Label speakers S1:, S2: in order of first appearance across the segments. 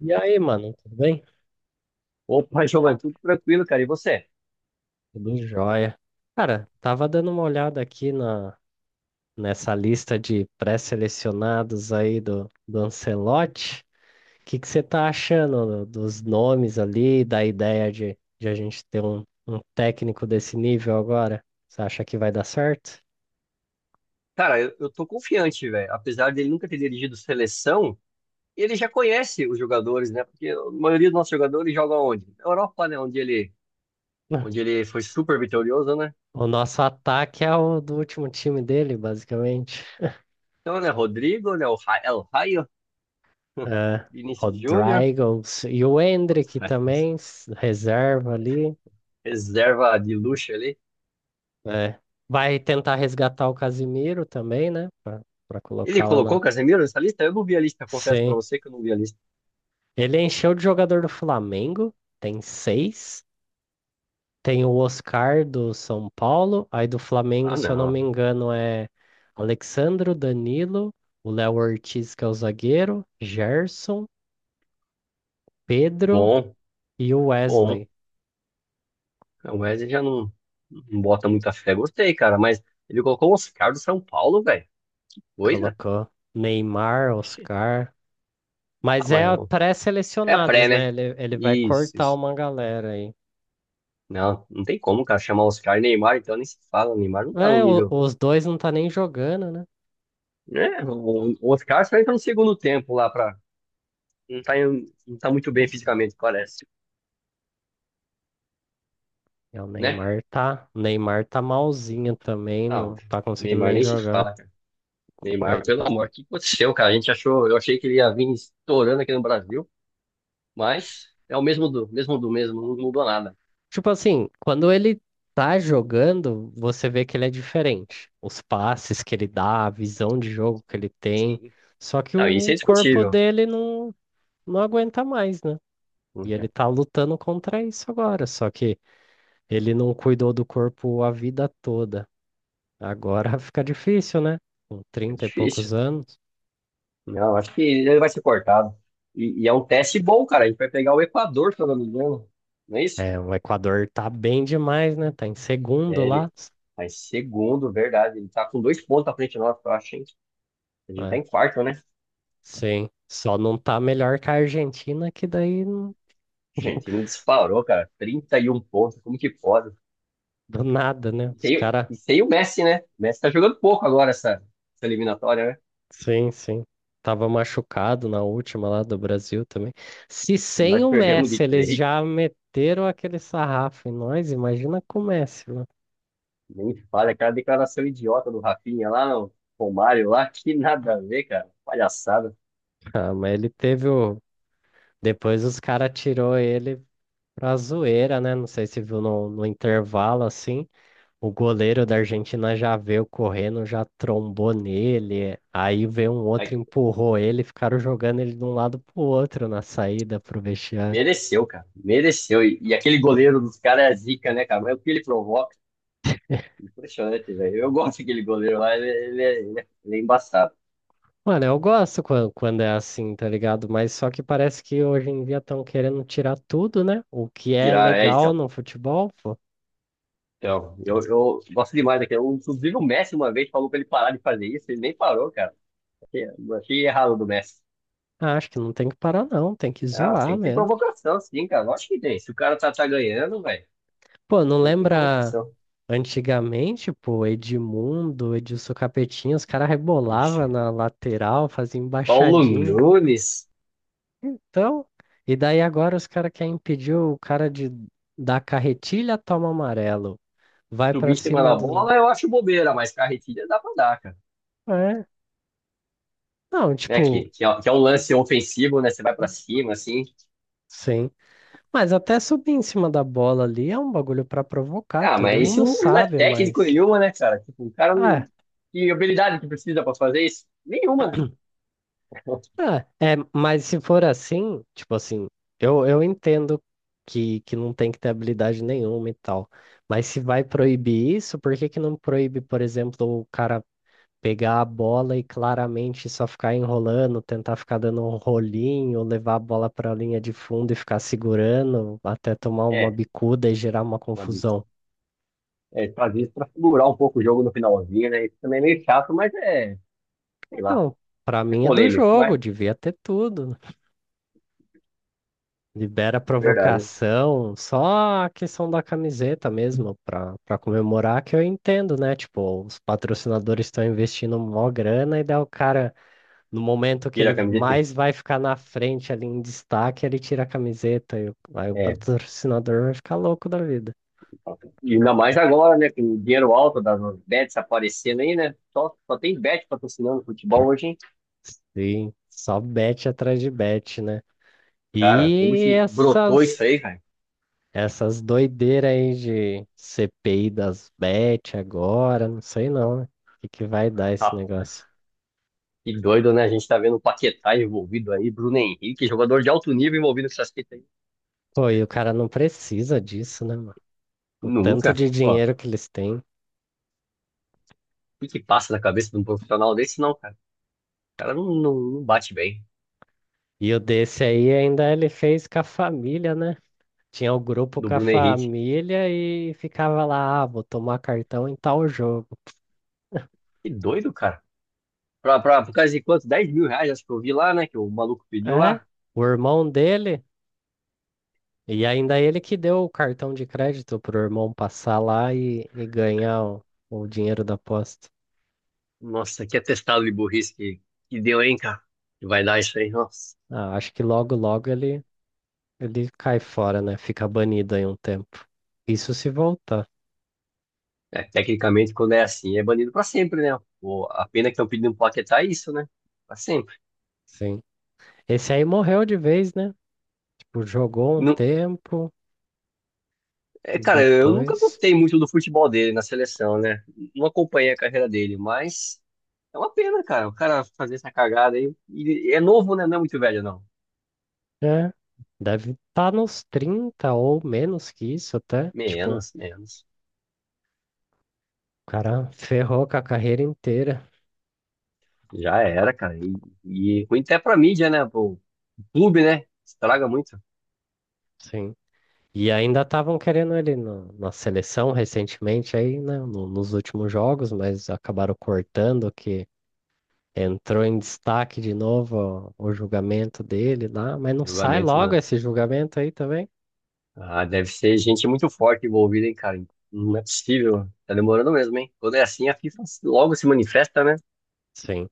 S1: E aí, mano, tudo bem?
S2: Opa, Giovanni, tudo tranquilo, cara. E você?
S1: Tudo jóia. Cara, tava dando uma olhada aqui nessa lista de pré-selecionados aí do Ancelotti. O que que você tá achando dos nomes ali, da ideia de a gente ter um técnico desse nível agora? Você acha que vai dar certo?
S2: Cara, eu tô confiante, velho. Apesar dele nunca ter dirigido seleção, ele já conhece os jogadores, né? Porque a maioria dos nossos jogadores joga onde? Na Europa, né? Onde ele,
S1: Ah.
S2: onde ele foi super vitorioso, né?
S1: O nosso ataque é o do último time dele, basicamente.
S2: Então, né? Rodrigo, né? El Raio,
S1: É,
S2: Vinícius Júnior,
S1: Rodrygo e o Endrick também, reserva ali.
S2: reserva de luxo ali.
S1: É. Vai tentar resgatar o Casimiro também, né? Pra
S2: Ele
S1: colocar lá
S2: colocou o
S1: na.
S2: Casemiro nessa lista? Eu não vi a lista, confesso pra
S1: Sim.
S2: você que eu não vi a lista.
S1: Ele encheu de jogador do Flamengo, tem seis. Tem o Oscar do São Paulo. Aí do Flamengo,
S2: Ah,
S1: se eu não me
S2: não.
S1: engano, é Alexandro, Danilo, o Léo Ortiz, que é o zagueiro, Gerson, Pedro
S2: Bom,
S1: e o
S2: bom.
S1: Wesley.
S2: É, o Wesley já não, não bota muita fé. Gostei, cara, mas ele colocou o Oscar do São Paulo, velho. Coisa?
S1: Colocou Neymar,
S2: Oxi.
S1: Oscar.
S2: Ah,
S1: Mas é
S2: é a
S1: pré-selecionados,
S2: pré,
S1: né?
S2: né?
S1: Ele vai
S2: Isso,
S1: cortar
S2: isso.
S1: uma galera aí.
S2: Não, não tem como, cara, chamar Oscar e Neymar, então nem se fala. O Neymar não tá no
S1: É,
S2: nível.
S1: os dois não tá nem jogando, né?
S2: Né? O Oscar só entra no segundo tempo lá pra. Não tá, não tá muito bem fisicamente, parece.
S1: É, o
S2: Né?
S1: Neymar tá. O Neymar tá malzinho também,
S2: Não,
S1: não tá conseguindo
S2: Neymar
S1: nem
S2: nem se
S1: jogar.
S2: fala, cara. Neymar, pelo
S1: Coitado.
S2: amor, o que aconteceu, cara? A gente achou, eu achei que ele ia vir estourando aqui no Brasil, mas é o mesmo do mesmo do mesmo, não mudou nada.
S1: Tipo assim, quando ele tá jogando, você vê que ele é diferente. Os passes que ele dá, a visão de jogo que ele tem.
S2: Sim.
S1: Só que
S2: Não, isso
S1: o
S2: é
S1: corpo
S2: indiscutível.
S1: dele não aguenta mais, né? E ele
S2: É
S1: tá lutando contra isso agora. Só que ele não cuidou do corpo a vida toda. Agora fica difícil, né? Com
S2: é
S1: 30 e
S2: difícil.
S1: poucos anos.
S2: Não, acho que ele vai ser cortado. E é um teste bom, cara. A gente vai pegar o Equador, se eu não me engano. Não é isso?
S1: É, o Equador tá bem demais, né? Tá em segundo
S2: É,
S1: lá.
S2: ele mas segundo, verdade. Ele tá com dois pontos à frente de nós, eu acho, hein? A gente tá
S1: É,
S2: em quarto, né?
S1: sim, só não tá melhor que a Argentina, que daí não,
S2: Gente, ele disparou, cara. 31 pontos. Como que pode?
S1: do nada, né?
S2: E
S1: Os
S2: sem,
S1: caras,
S2: e sem o Messi, né? O Messi tá jogando pouco agora essa eliminatória, né?
S1: sim, sim. Tava machucado na última lá do Brasil também. Se sem
S2: Nós
S1: o
S2: perdemos
S1: Messi
S2: de
S1: eles
S2: três.
S1: já meteram aquele sarrafo em nós, imagina com o Messi, né?
S2: Nem fale, aquela declaração idiota do Rafinha lá, o Romário lá, que nada a ver, cara. Palhaçada.
S1: Ah, mas ele teve o. Depois os caras tirou ele pra zoeira, né? Não sei se viu no intervalo assim. O goleiro da Argentina já veio correndo, já trombou nele. Aí veio um outro,
S2: Ai,
S1: empurrou ele, ficaram jogando ele de um lado pro outro na saída pro vestiário.
S2: mereceu, cara. Mereceu. E aquele goleiro dos caras é zica, né, cara? Mas o que ele provoca? Impressionante, velho. Eu gosto daquele goleiro lá, ele é embaçado.
S1: Mano, eu gosto quando, é assim, tá ligado? Mas só que parece que hoje em dia estão querendo tirar tudo, né? O que é
S2: Tirar, é,
S1: legal
S2: então.
S1: no futebol, pô.
S2: Então, eu gosto demais daquele. Inclusive, o Messi uma vez falou pra ele parar de fazer isso, ele nem parou, cara. Achei, achei errado do Messi.
S1: Ah, acho que não tem que parar, não. Tem que
S2: Não,
S1: zoar
S2: tem que ter
S1: mesmo.
S2: provocação, sim, cara. Lógico que tem. Se o cara tá ganhando, velho,
S1: Pô, não
S2: tem que ter
S1: lembra
S2: provocação.
S1: antigamente, pô, Edmundo, Edilson Capetinha, os caras rebolavam na lateral, faziam
S2: Paulo
S1: embaixadinha.
S2: Nunes
S1: Então, e daí agora os caras querem impedir o cara de dar carretilha, toma amarelo. Vai
S2: subindo
S1: pra
S2: em cima
S1: cima
S2: da
S1: do.
S2: bola, eu acho bobeira, mas carretilha dá pra dar, cara.
S1: É. Não,
S2: Né,
S1: tipo,
S2: que é um lance ofensivo, né? Você vai pra cima, assim.
S1: sim. Mas até subir em cima da bola ali é um bagulho pra provocar,
S2: Ah,
S1: todo
S2: mas isso
S1: mundo
S2: não é
S1: sabe,
S2: técnico
S1: mas.
S2: nenhuma, né, cara? Tipo, o cara não.
S1: É,
S2: Que habilidade que precisa pra fazer isso? Nenhuma, né?
S1: mas se for assim, tipo assim, eu entendo que não tem que ter habilidade nenhuma e tal. Mas se vai proibir isso, por que que não proíbe, por exemplo, o cara pegar a bola e claramente só ficar enrolando, tentar ficar dando um rolinho, levar a bola para a linha de fundo e ficar segurando até tomar uma
S2: É,
S1: bicuda e gerar uma
S2: uma bicha.
S1: confusão.
S2: É, fazer isso pra segurar um pouco o jogo no finalzinho, né? Isso também é meio chato, mas é, sei lá,
S1: Não, para
S2: é
S1: mim é do
S2: polêmico,
S1: jogo,
S2: mas
S1: devia ter tudo. Libera a
S2: verdade, hein?
S1: provocação, só a questão da camiseta mesmo, para comemorar que eu entendo, né? Tipo, os patrocinadores estão investindo mó grana e daí o cara. No momento que
S2: Tira
S1: ele
S2: a camiseta.
S1: mais vai ficar na frente ali em destaque, ele tira a camiseta e o, aí o
S2: É,
S1: patrocinador vai ficar louco da vida.
S2: e ainda mais agora, né? Com o dinheiro alto das bets aparecendo aí, né? Só tem bet patrocinando futebol hoje, hein?
S1: Sim, só bet atrás de bet, né?
S2: Cara, como
S1: E
S2: que brotou isso
S1: essas
S2: aí, cara?
S1: essas doideiras aí de CPI das bet agora, não sei não, né? O que que vai dar esse negócio?
S2: Rapaz, que doido, né? A gente tá vendo o Paquetá envolvido aí, Bruno Henrique, jogador de alto nível envolvido com essas fitas aí.
S1: Pô, e o cara não precisa disso, né, mano? O tanto
S2: Nunca.
S1: de
S2: Ó, o
S1: dinheiro que eles têm.
S2: que que passa na cabeça de um profissional desse, não, cara? O cara não bate bem
S1: E o desse aí ainda ele fez com a família, né? Tinha o grupo
S2: do
S1: com a
S2: Bruno Henrique.
S1: família e ficava lá, ah, vou tomar cartão em tal jogo.
S2: Que doido, cara. Por causa de quanto? R$ 10.000, acho que eu vi lá, né? Que o maluco pediu
S1: É,
S2: lá.
S1: o irmão dele, e ainda ele que deu o cartão de crédito pro irmão passar lá e ganhar o dinheiro da aposta.
S2: Nossa, que atestado de burrice que deu, hein, cara? Que vai dar isso aí, nossa.
S1: Ah, acho que logo, logo ele, cai fora, né? Fica banido aí um tempo. Isso se voltar,
S2: É, tecnicamente, quando é assim, é banido pra sempre, né? A pena que estão pedindo pro Paquetá é isso, né? Pra sempre.
S1: sim. Esse aí morreu de vez, né? Tipo, jogou um
S2: Não,
S1: tempo,
S2: é,
S1: e
S2: cara, eu nunca
S1: depois.
S2: gostei muito do futebol dele na seleção, né? Não acompanhei a carreira dele, mas é uma pena, cara. O cara fazer essa cagada aí. E é novo, né? Não é muito velho, não.
S1: É, deve estar nos 30 ou menos que isso até. Tipo, o
S2: Menos, menos.
S1: cara ferrou com a carreira inteira.
S2: Já era, cara. E ruim até pra mídia, né? Pro clube, né? Estraga muito
S1: Sim. E ainda estavam querendo ele no, na seleção recentemente aí, né? Nos últimos jogos, mas acabaram cortando que entrou em destaque de novo o julgamento dele lá, mas
S2: o
S1: não sai
S2: julgamento,
S1: logo
S2: né?
S1: esse julgamento aí também?
S2: Ah, deve ser gente muito forte envolvida, hein, cara? Não é possível. Tá demorando mesmo, hein? Quando é assim, a FIFA logo se manifesta, né?
S1: Sim.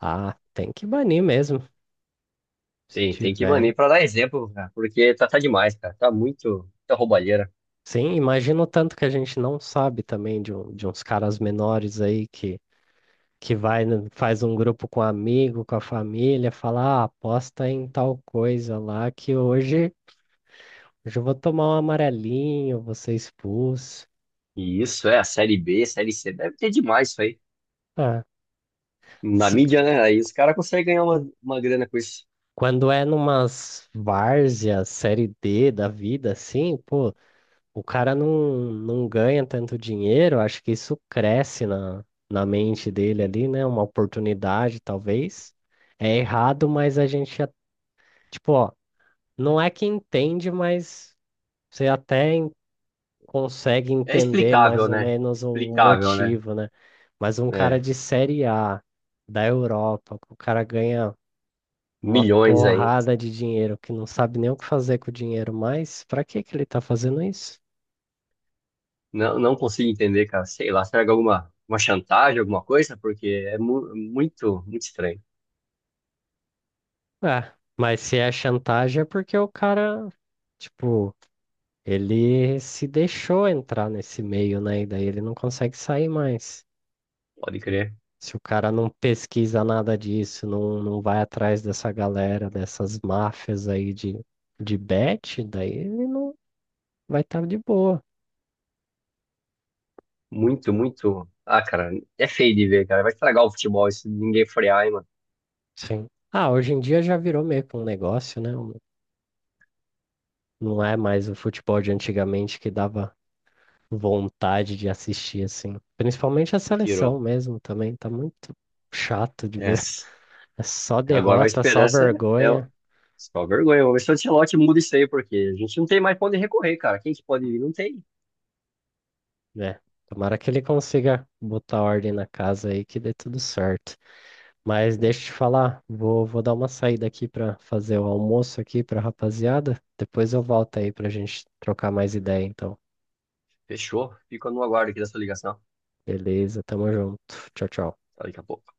S1: Ah, tem que banir mesmo. Se
S2: Tem que
S1: tiver.
S2: banir pra dar exemplo, cara, porque tá demais, cara. Tá muito, muita roubalheira.
S1: Sim, imagino tanto que a gente não sabe também de uns caras menores aí que vai, faz um grupo com amigo, com a família, fala, ah, aposta em tal coisa lá que hoje eu vou tomar um amarelinho, vou ser expulso.
S2: E isso é a Série B, Série C. Deve ter demais isso aí.
S1: Ah,
S2: Na
S1: se,
S2: mídia, né? Aí os caras conseguem ganhar uma grana com isso.
S1: quando é numas várzeas, série D da vida, assim, pô, o cara não ganha tanto dinheiro, acho que isso cresce na, na mente dele
S2: Enfim,
S1: ali, né? Uma oportunidade, talvez. É errado, mas a gente, tipo, ó, não é que entende, mas você até consegue
S2: é
S1: entender mais
S2: explicável,
S1: ou
S2: né?
S1: menos o
S2: Explicável, né?
S1: motivo, né? Mas um cara
S2: É,
S1: de Série A da Europa, que o cara ganha uma
S2: milhões aí.
S1: porrada de dinheiro, que não sabe nem o que fazer com o dinheiro mais, pra que que ele tá fazendo isso?
S2: Não, não consigo entender, cara. Sei lá, será que é alguma, uma chantagem, alguma coisa? Porque é muito, muito estranho.
S1: É, mas se é chantagem é porque o cara, tipo, ele se deixou entrar nesse meio, né? E daí ele não consegue sair mais.
S2: Pode crer.
S1: Se o cara não pesquisa nada disso, não, não vai atrás dessa galera, dessas máfias aí de bet, daí ele não vai estar de boa.
S2: Muito, muito. Ah, cara, é feio de ver, cara. Vai estragar o futebol se ninguém frear, hein, mano.
S1: Sim. Ah, hoje em dia já virou meio que um negócio, né? Não é mais o futebol de antigamente que dava vontade de assistir, assim. Principalmente a
S2: Me
S1: seleção
S2: Tirou.
S1: mesmo também, tá muito chato de ver.
S2: Yes.
S1: É só
S2: Agora a
S1: derrota, só
S2: esperança é o-
S1: vergonha,
S2: só vergonha. Vamos ver se o Ancelotti muda isso aí, porque a gente não tem mais pra onde recorrer, cara. Quem que pode vir? Não tem.
S1: né? Tomara que ele consiga botar ordem na casa aí que dê tudo certo. Mas
S2: É,
S1: deixa eu te falar, vou dar uma saída aqui pra fazer o almoço aqui pra rapaziada. Depois eu volto aí pra gente trocar mais ideia, então.
S2: fechou. Fico no aguardo aqui dessa ligação.
S1: Beleza, tamo junto. Tchau, tchau.
S2: Até daqui a pouco.